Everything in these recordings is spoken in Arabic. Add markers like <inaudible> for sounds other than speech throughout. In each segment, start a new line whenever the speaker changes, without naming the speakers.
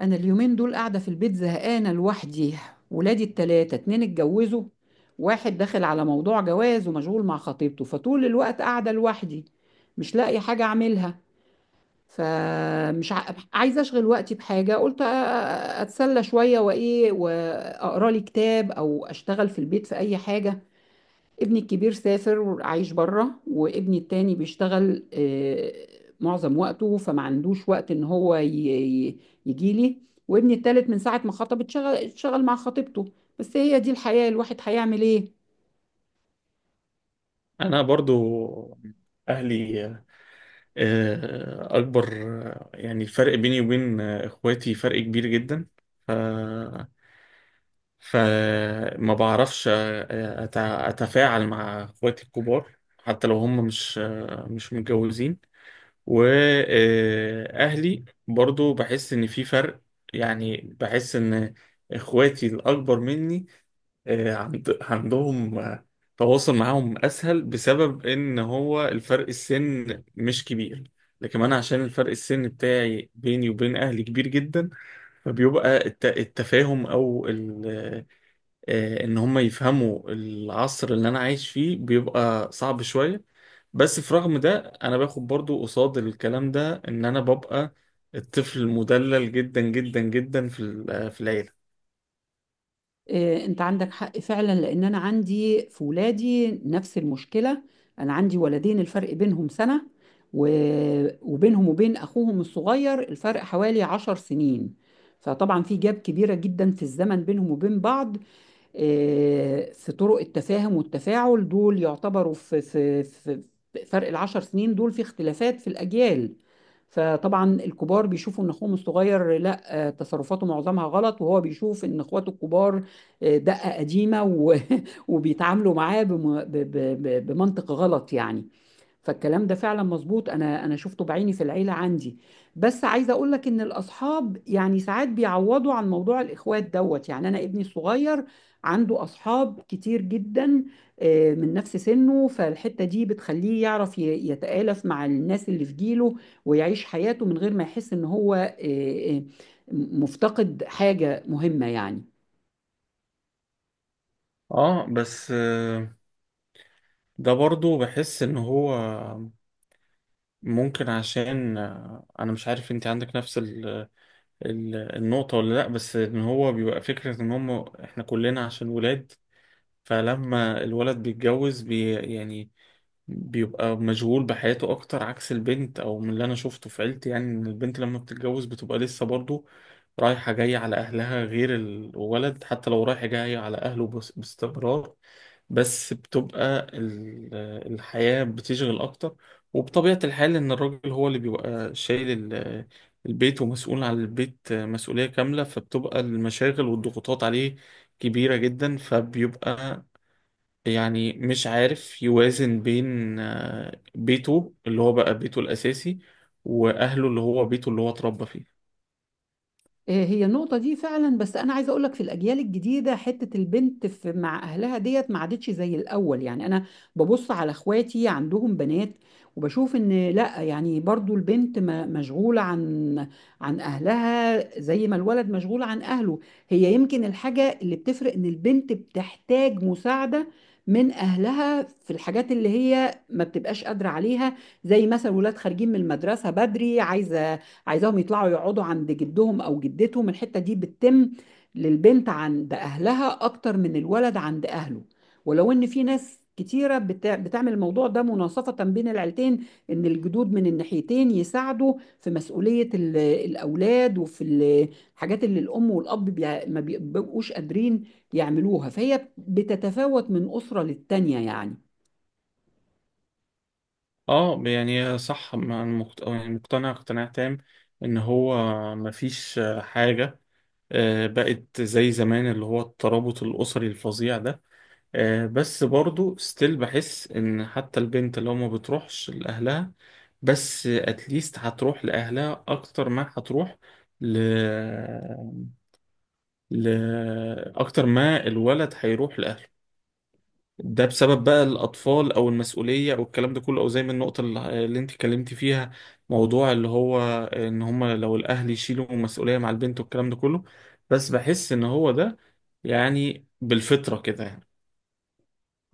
انا اليومين دول قاعده في البيت زهقانه لوحدي. ولادي التلاتة اتنين اتجوزوا، واحد داخل على موضوع جواز ومشغول مع خطيبته، فطول الوقت قاعده لوحدي مش لاقي حاجه اعملها. فمش عايزه اشغل وقتي بحاجه. قلت اتسلى شويه وايه، واقرا لي كتاب او اشتغل في البيت في اي حاجه. ابني الكبير سافر وعايش بره، وابني التاني بيشتغل معظم وقته، فما عندوش وقت ان هو يجي لي. وابني التالت من ساعة ما خطب اتشغل مع خطيبته. بس هي دي الحياة، الواحد هيعمل ايه؟
انا برضو اهلي اكبر. يعني الفرق بيني وبين اخواتي فرق كبير جدا. ف فما بعرفش اتفاعل مع اخواتي الكبار حتى لو هم مش متجوزين. واهلي برضو بحس ان في فرق، يعني بحس ان اخواتي الاكبر مني عندهم تواصل معاهم اسهل بسبب ان هو الفرق السن مش كبير. لكن انا عشان الفرق السن بتاعي بيني وبين اهلي كبير جدا، فبيبقى التفاهم او ان هم يفهموا العصر اللي انا عايش فيه بيبقى صعب شوية. بس في رغم ده انا باخد برضو قصاد الكلام ده ان انا ببقى الطفل المدلل جدا جدا جدا في العيلة.
آه، انت عندك حق فعلا، لان انا عندي في ولادي نفس المشكلة. انا عندي ولدين الفرق بينهم سنة، و- وبينهم وبين اخوهم الصغير الفرق حوالي 10 سنين. فطبعا في جاب كبيرة جدا في الزمن بينهم وبين بعض. في طرق التفاهم والتفاعل، دول يعتبروا في فرق العشر سنين دول في اختلافات في الأجيال. فطبعا الكبار بيشوفوا ان اخوهم الصغير لا، تصرفاته معظمها غلط، وهو بيشوف ان اخواته الكبار دقة قديمة <laughs> وبيتعاملوا معاه بمنطق غلط يعني. فالكلام ده فعلا مظبوط، انا شفته بعيني في العيله عندي. بس عايزه اقول لك ان الاصحاب يعني ساعات بيعوضوا عن موضوع الاخوات دوت. يعني انا ابني الصغير عنده اصحاب كتير جدا، من نفس سنه، فالحته دي بتخليه يعرف يتآلف مع الناس اللي في جيله، ويعيش حياته من غير ما يحس ان هو آه، مفتقد حاجه مهمه يعني.
اه بس ده برضو بحس ان هو ممكن عشان انا مش عارف انت عندك نفس ال النقطة ولا لا. بس ان هو بيبقى فكرة ان هم احنا كلنا عشان ولاد، فلما الولد بيتجوز يعني بيبقى مشغول بحياته اكتر عكس البنت او من اللي انا شفته في عيلتي. يعني ان البنت لما بتتجوز بتبقى لسه برضو رايحة جاية على اهلها غير الولد حتى لو رايحة جاية على اهله باستمرار، بس الحياة بتشغل اكتر. وبطبيعة الحال ان الراجل هو اللي بيبقى شايل البيت ومسؤول عن البيت مسؤولية كاملة، فبتبقى المشاغل والضغوطات عليه كبيرة جدا. فبيبقى يعني مش عارف يوازن بين بيته اللي هو بقى بيته الأساسي وأهله اللي هو بيته اللي هو اتربى فيه.
آه، هي النقطة دي فعلا، بس أنا عايزة أقولك في الأجيال الجديدة حتة البنت في مع أهلها ديت ما عادتش زي الأول. يعني أنا ببص على إخواتي عندهم بنات، وبشوف إن لأ، يعني برضو البنت مشغولة عن أهلها زي ما الولد مشغول عن أهله. هي يمكن الحاجة اللي بتفرق إن البنت بتحتاج مساعدة من أهلها في الحاجات اللي هي ما بتبقاش قادرة عليها، زي مثلا ولاد خارجين من المدرسة بدري، عايزاهم يطلعوا يقعدوا عند جدهم او جدتهم. الحته دي بتتم للبنت عند اهلها اكتر من الولد عند اهله. ولو ان في ناس كتيره بتعمل الموضوع ده مناصفه بين العيلتين، ان الجدود من الناحيتين يساعدوا في مسؤوليه الاولاد، وفي الحاجات اللي الام والاب ما بيبقوش قادرين يعملوها. فهي بتتفاوت من اسره للتانيه يعني.
اه يعني صح، يعني مقتنع اقتناع تام ان هو مفيش حاجة بقت زي زمان اللي هو الترابط الأسري الفظيع ده. بس برضو ستيل بحس ان حتى البنت لو ما بتروحش لأهلها، بس اتليست هتروح لأهلها اكتر ما هتروح ل لأكتر ما الولد هيروح لأهله. ده بسبب بقى الأطفال أو المسؤولية أو الكلام ده كله، أو زي ما النقطة اللي أنت اتكلمتي فيها، موضوع اللي هو إن هما لو الأهل يشيلوا مسؤولية مع البنت والكلام ده كله. بس بحس إن هو ده يعني بالفطرة كده يعني.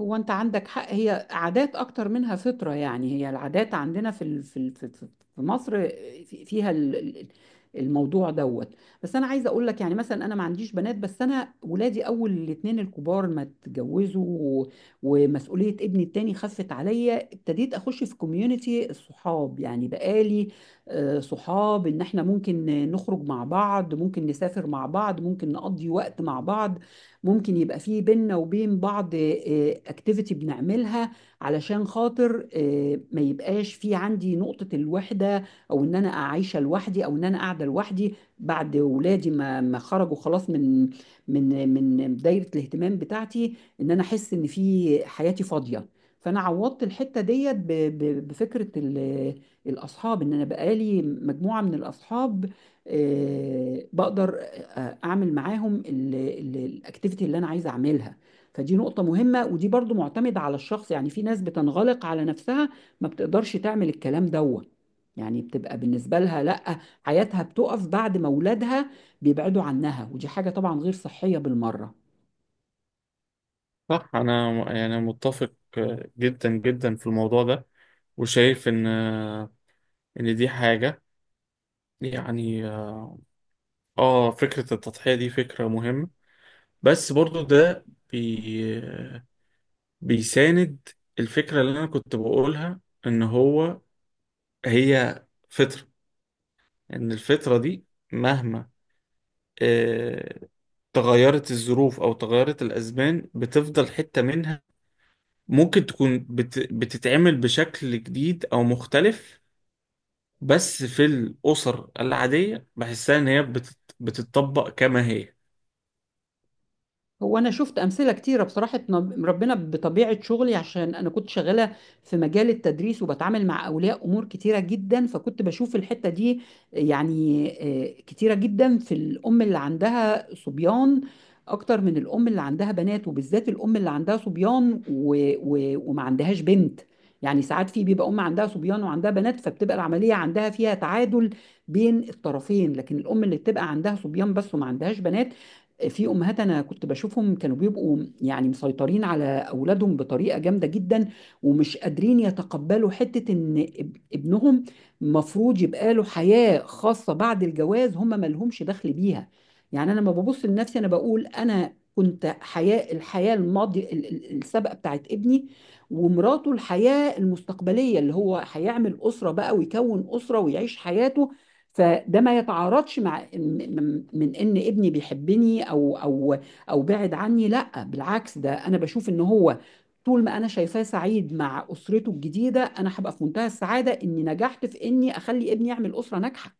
هو انت عندك حق، هي عادات اكتر منها فطرة. يعني هي العادات عندنا في مصر فيها الموضوع دوت. بس انا عايزه اقول لك، يعني مثلا انا ما عنديش بنات، بس انا ولادي اول الاتنين الكبار ما اتجوزوا، ومسؤوليه ابني التاني خفت عليا، ابتديت اخش في كوميونتي الصحاب. يعني بقالي صحاب ان احنا ممكن نخرج مع بعض، ممكن نسافر مع بعض، ممكن نقضي وقت مع بعض، ممكن يبقى فيه بينا وبين بعض اكتيفيتي بنعملها، علشان خاطر ما يبقاش في عندي نقطة الوحدة، او ان انا عايشة لوحدي، او ان انا قاعدة لوحدي بعد ولادي ما ما خرجوا خلاص من دايرة الاهتمام بتاعتي، ان انا احس ان في حياتي فاضية. فانا عوضت الحتة ديت بفكرة الاصحاب. ان انا بقالي مجموعة من الاصحاب، بقدر اعمل معاهم الاكتيفيتي اللي انا عايز اعملها. فدي نقطة مهمة، ودي برضو معتمدة على الشخص. يعني في ناس بتنغلق على نفسها، ما بتقدرش تعمل الكلام دوت. يعني بتبقى بالنسبة لها لأ، حياتها بتقف بعد ما أولادها بيبعدوا عنها، ودي حاجة طبعا غير صحية بالمرة.
صح، أنا يعني متفق جدا جدا في الموضوع ده، وشايف إن إن دي حاجة يعني آه، فكرة التضحية دي فكرة مهمة. بس برضو ده بي بيساند الفكرة اللي أنا كنت بقولها، إن هو هي فطرة، إن الفطرة دي مهما آه، تغيرت الظروف أو تغيرت الأزمان بتفضل حتة منها ممكن تكون بتتعمل بشكل جديد أو مختلف، بس في الأسر العادية بحسها إن هي بتتطبق كما هي.
هو انا شفت امثله كتيره بصراحه، ربنا بطبيعه شغلي، عشان انا كنت شغاله في مجال التدريس وبتعامل مع اولياء امور كتيره جدا، فكنت بشوف الحته دي يعني كتيره جدا في الام اللي عندها صبيان اكتر من الام اللي عندها بنات، وبالذات الام اللي عندها صبيان وما عندهاش بنت. يعني ساعات في بيبقى ام عندها صبيان وعندها بنات، فبتبقى العمليه عندها فيها تعادل بين الطرفين. لكن الام اللي بتبقى عندها صبيان بس وما عندهاش بنات، في امهات انا كنت بشوفهم كانوا بيبقوا يعني مسيطرين على اولادهم بطريقه جامده جدا، ومش قادرين يتقبلوا حته ان ابنهم مفروض يبقى له حياه خاصه بعد الجواز هم ما لهمش دخل بيها. يعني انا لما ببص لنفسي انا بقول انا كنت الحياه الماضيه السابقه بتاعت ابني، ومراته الحياه المستقبليه اللي هو هيعمل اسره بقى ويكون اسره ويعيش حياته. فده ما يتعارضش مع من ان ابني بيحبني او او بعد عني. لا، بالعكس، ده انا بشوف ان هو طول ما انا شايفاه سعيد مع اسرته الجديده انا هبقى في منتهى السعاده اني نجحت في اني اخلي ابني يعمل اسره ناجحه.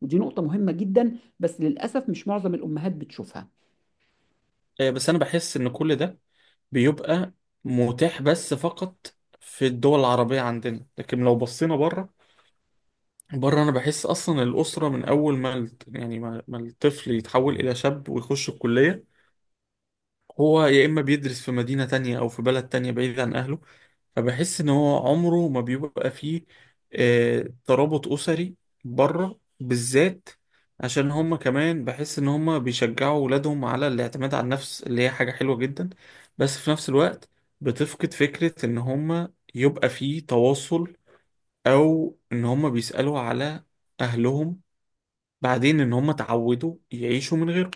ودي نقطه مهمه جدا، بس للاسف مش معظم الامهات بتشوفها.
بس أنا بحس إن كل ده بيبقى متاح بس فقط في الدول العربية عندنا، لكن لو بصينا بره، بره انا بحس اصلا الاسره من اول ما يعني ما الطفل يتحول الى شاب ويخش الكليه، هو يا اما بيدرس في مدينه تانية او في بلد تانية بعيد عن اهله. فبحس ان هو عمره ما بيبقى فيه آه ترابط اسري بره بالذات، عشان هما كمان بحس ان هما بيشجعوا ولادهم على الاعتماد على النفس اللي هي حاجه حلوه جدا. بس في نفس الوقت بتفقد فكره ان هما يبقى فيه تواصل او ان هما بيسالوا على اهلهم، بعدين ان هم اتعودوا يعيشوا من غيره.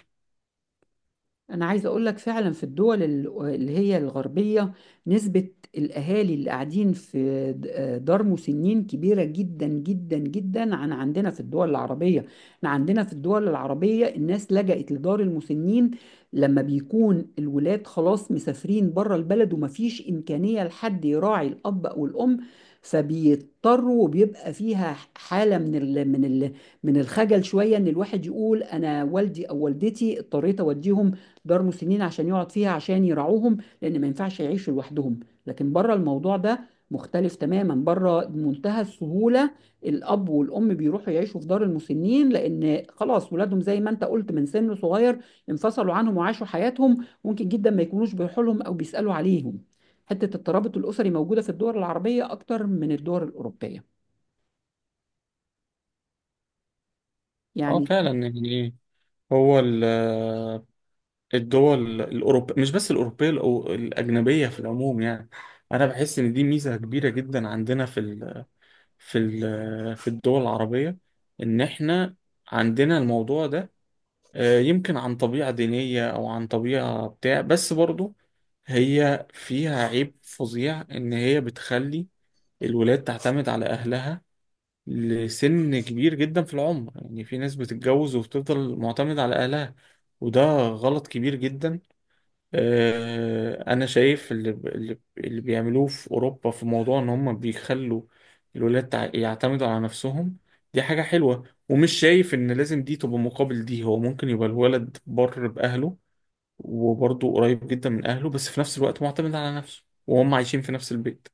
أنا عايزة أقول لك فعلا في الدول اللي هي الغربية، نسبة الأهالي اللي قاعدين في دار مسنين كبيرة جدا جدا جدا عن عندنا في الدول العربية. احنا عندنا في الدول العربية الناس لجأت لدار المسنين لما بيكون الولاد خلاص مسافرين بره البلد، ومفيش إمكانية لحد يراعي الأب أو الأم، فبيضطروا. وبيبقى فيها حالة من الخجل شوية، إن الواحد يقول أنا والدي أو والدتي اضطريت أوديهم دار مسنين عشان يقعد فيها، عشان يرعوهم، لان ما ينفعش يعيشوا لوحدهم. لكن بره الموضوع ده مختلف تماما، بره بمنتهى السهولة الأب والأم بيروحوا يعيشوا في دار المسنين، لأن خلاص ولادهم زي ما أنت قلت من سن صغير انفصلوا عنهم وعاشوا حياتهم، ممكن جدا ما يكونوش بيروحوا لهم أو بيسألوا عليهم. حتة الترابط الأسري موجودة في الدول العربية أكتر من الدول الأوروبية
اه
يعني.
فعلا يعني، هو الدول الاوروبيه مش بس الاوروبيه الاجنبيه في العموم يعني، انا بحس ان دي ميزه كبيره جدا عندنا في في الدول العربيه، ان احنا عندنا الموضوع ده يمكن عن طبيعه دينيه او عن طبيعه بتاع. بس برضو هي فيها عيب فظيع ان هي بتخلي الولاد تعتمد على اهلها لسن كبير جدا في العمر، يعني في ناس بتتجوز وبتفضل معتمد على أهلها، وده غلط كبير جدا. أنا شايف اللي بيعملوه في أوروبا في موضوع إن هم بيخلوا الولاد يعتمدوا على نفسهم، دي حاجة حلوة. ومش شايف إن لازم دي تبقى مقابل دي، هو ممكن يبقى الولد بأهله وبرضه قريب جدا من أهله بس في نفس الوقت معتمد على نفسه وهم عايشين في نفس البيت.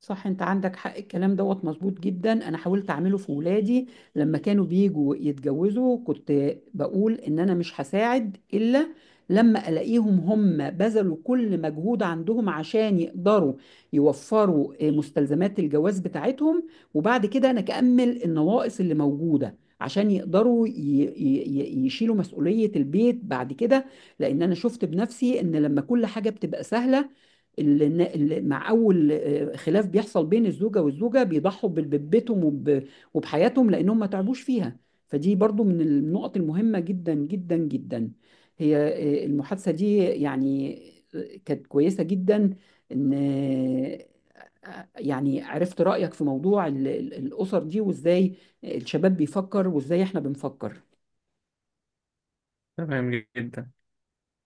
صح، انت عندك حق، الكلام دوت مظبوط جدا. انا حاولت اعمله في ولادي، لما كانوا بيجوا يتجوزوا كنت بقول ان انا مش هساعد الا لما الاقيهم هم بذلوا كل مجهود عندهم عشان يقدروا يوفروا مستلزمات الجواز بتاعتهم، وبعد كده انا اكمل النواقص اللي موجودة عشان يقدروا يشيلوا مسؤولية البيت بعد كده. لان انا شفت بنفسي ان لما كل حاجة بتبقى سهلة، مع اول خلاف بيحصل بين الزوجه والزوجه بيضحوا ببيتهم وبحياتهم لانهم ما تعبوش فيها. فدي برضو من النقط المهمه جدا جدا جدا. هي المحادثه دي يعني كانت كويسه جدا، ان يعني عرفت رايك في موضوع الاسر دي، وازاي الشباب بيفكر وازاي احنا بنفكر.
تمام جدا.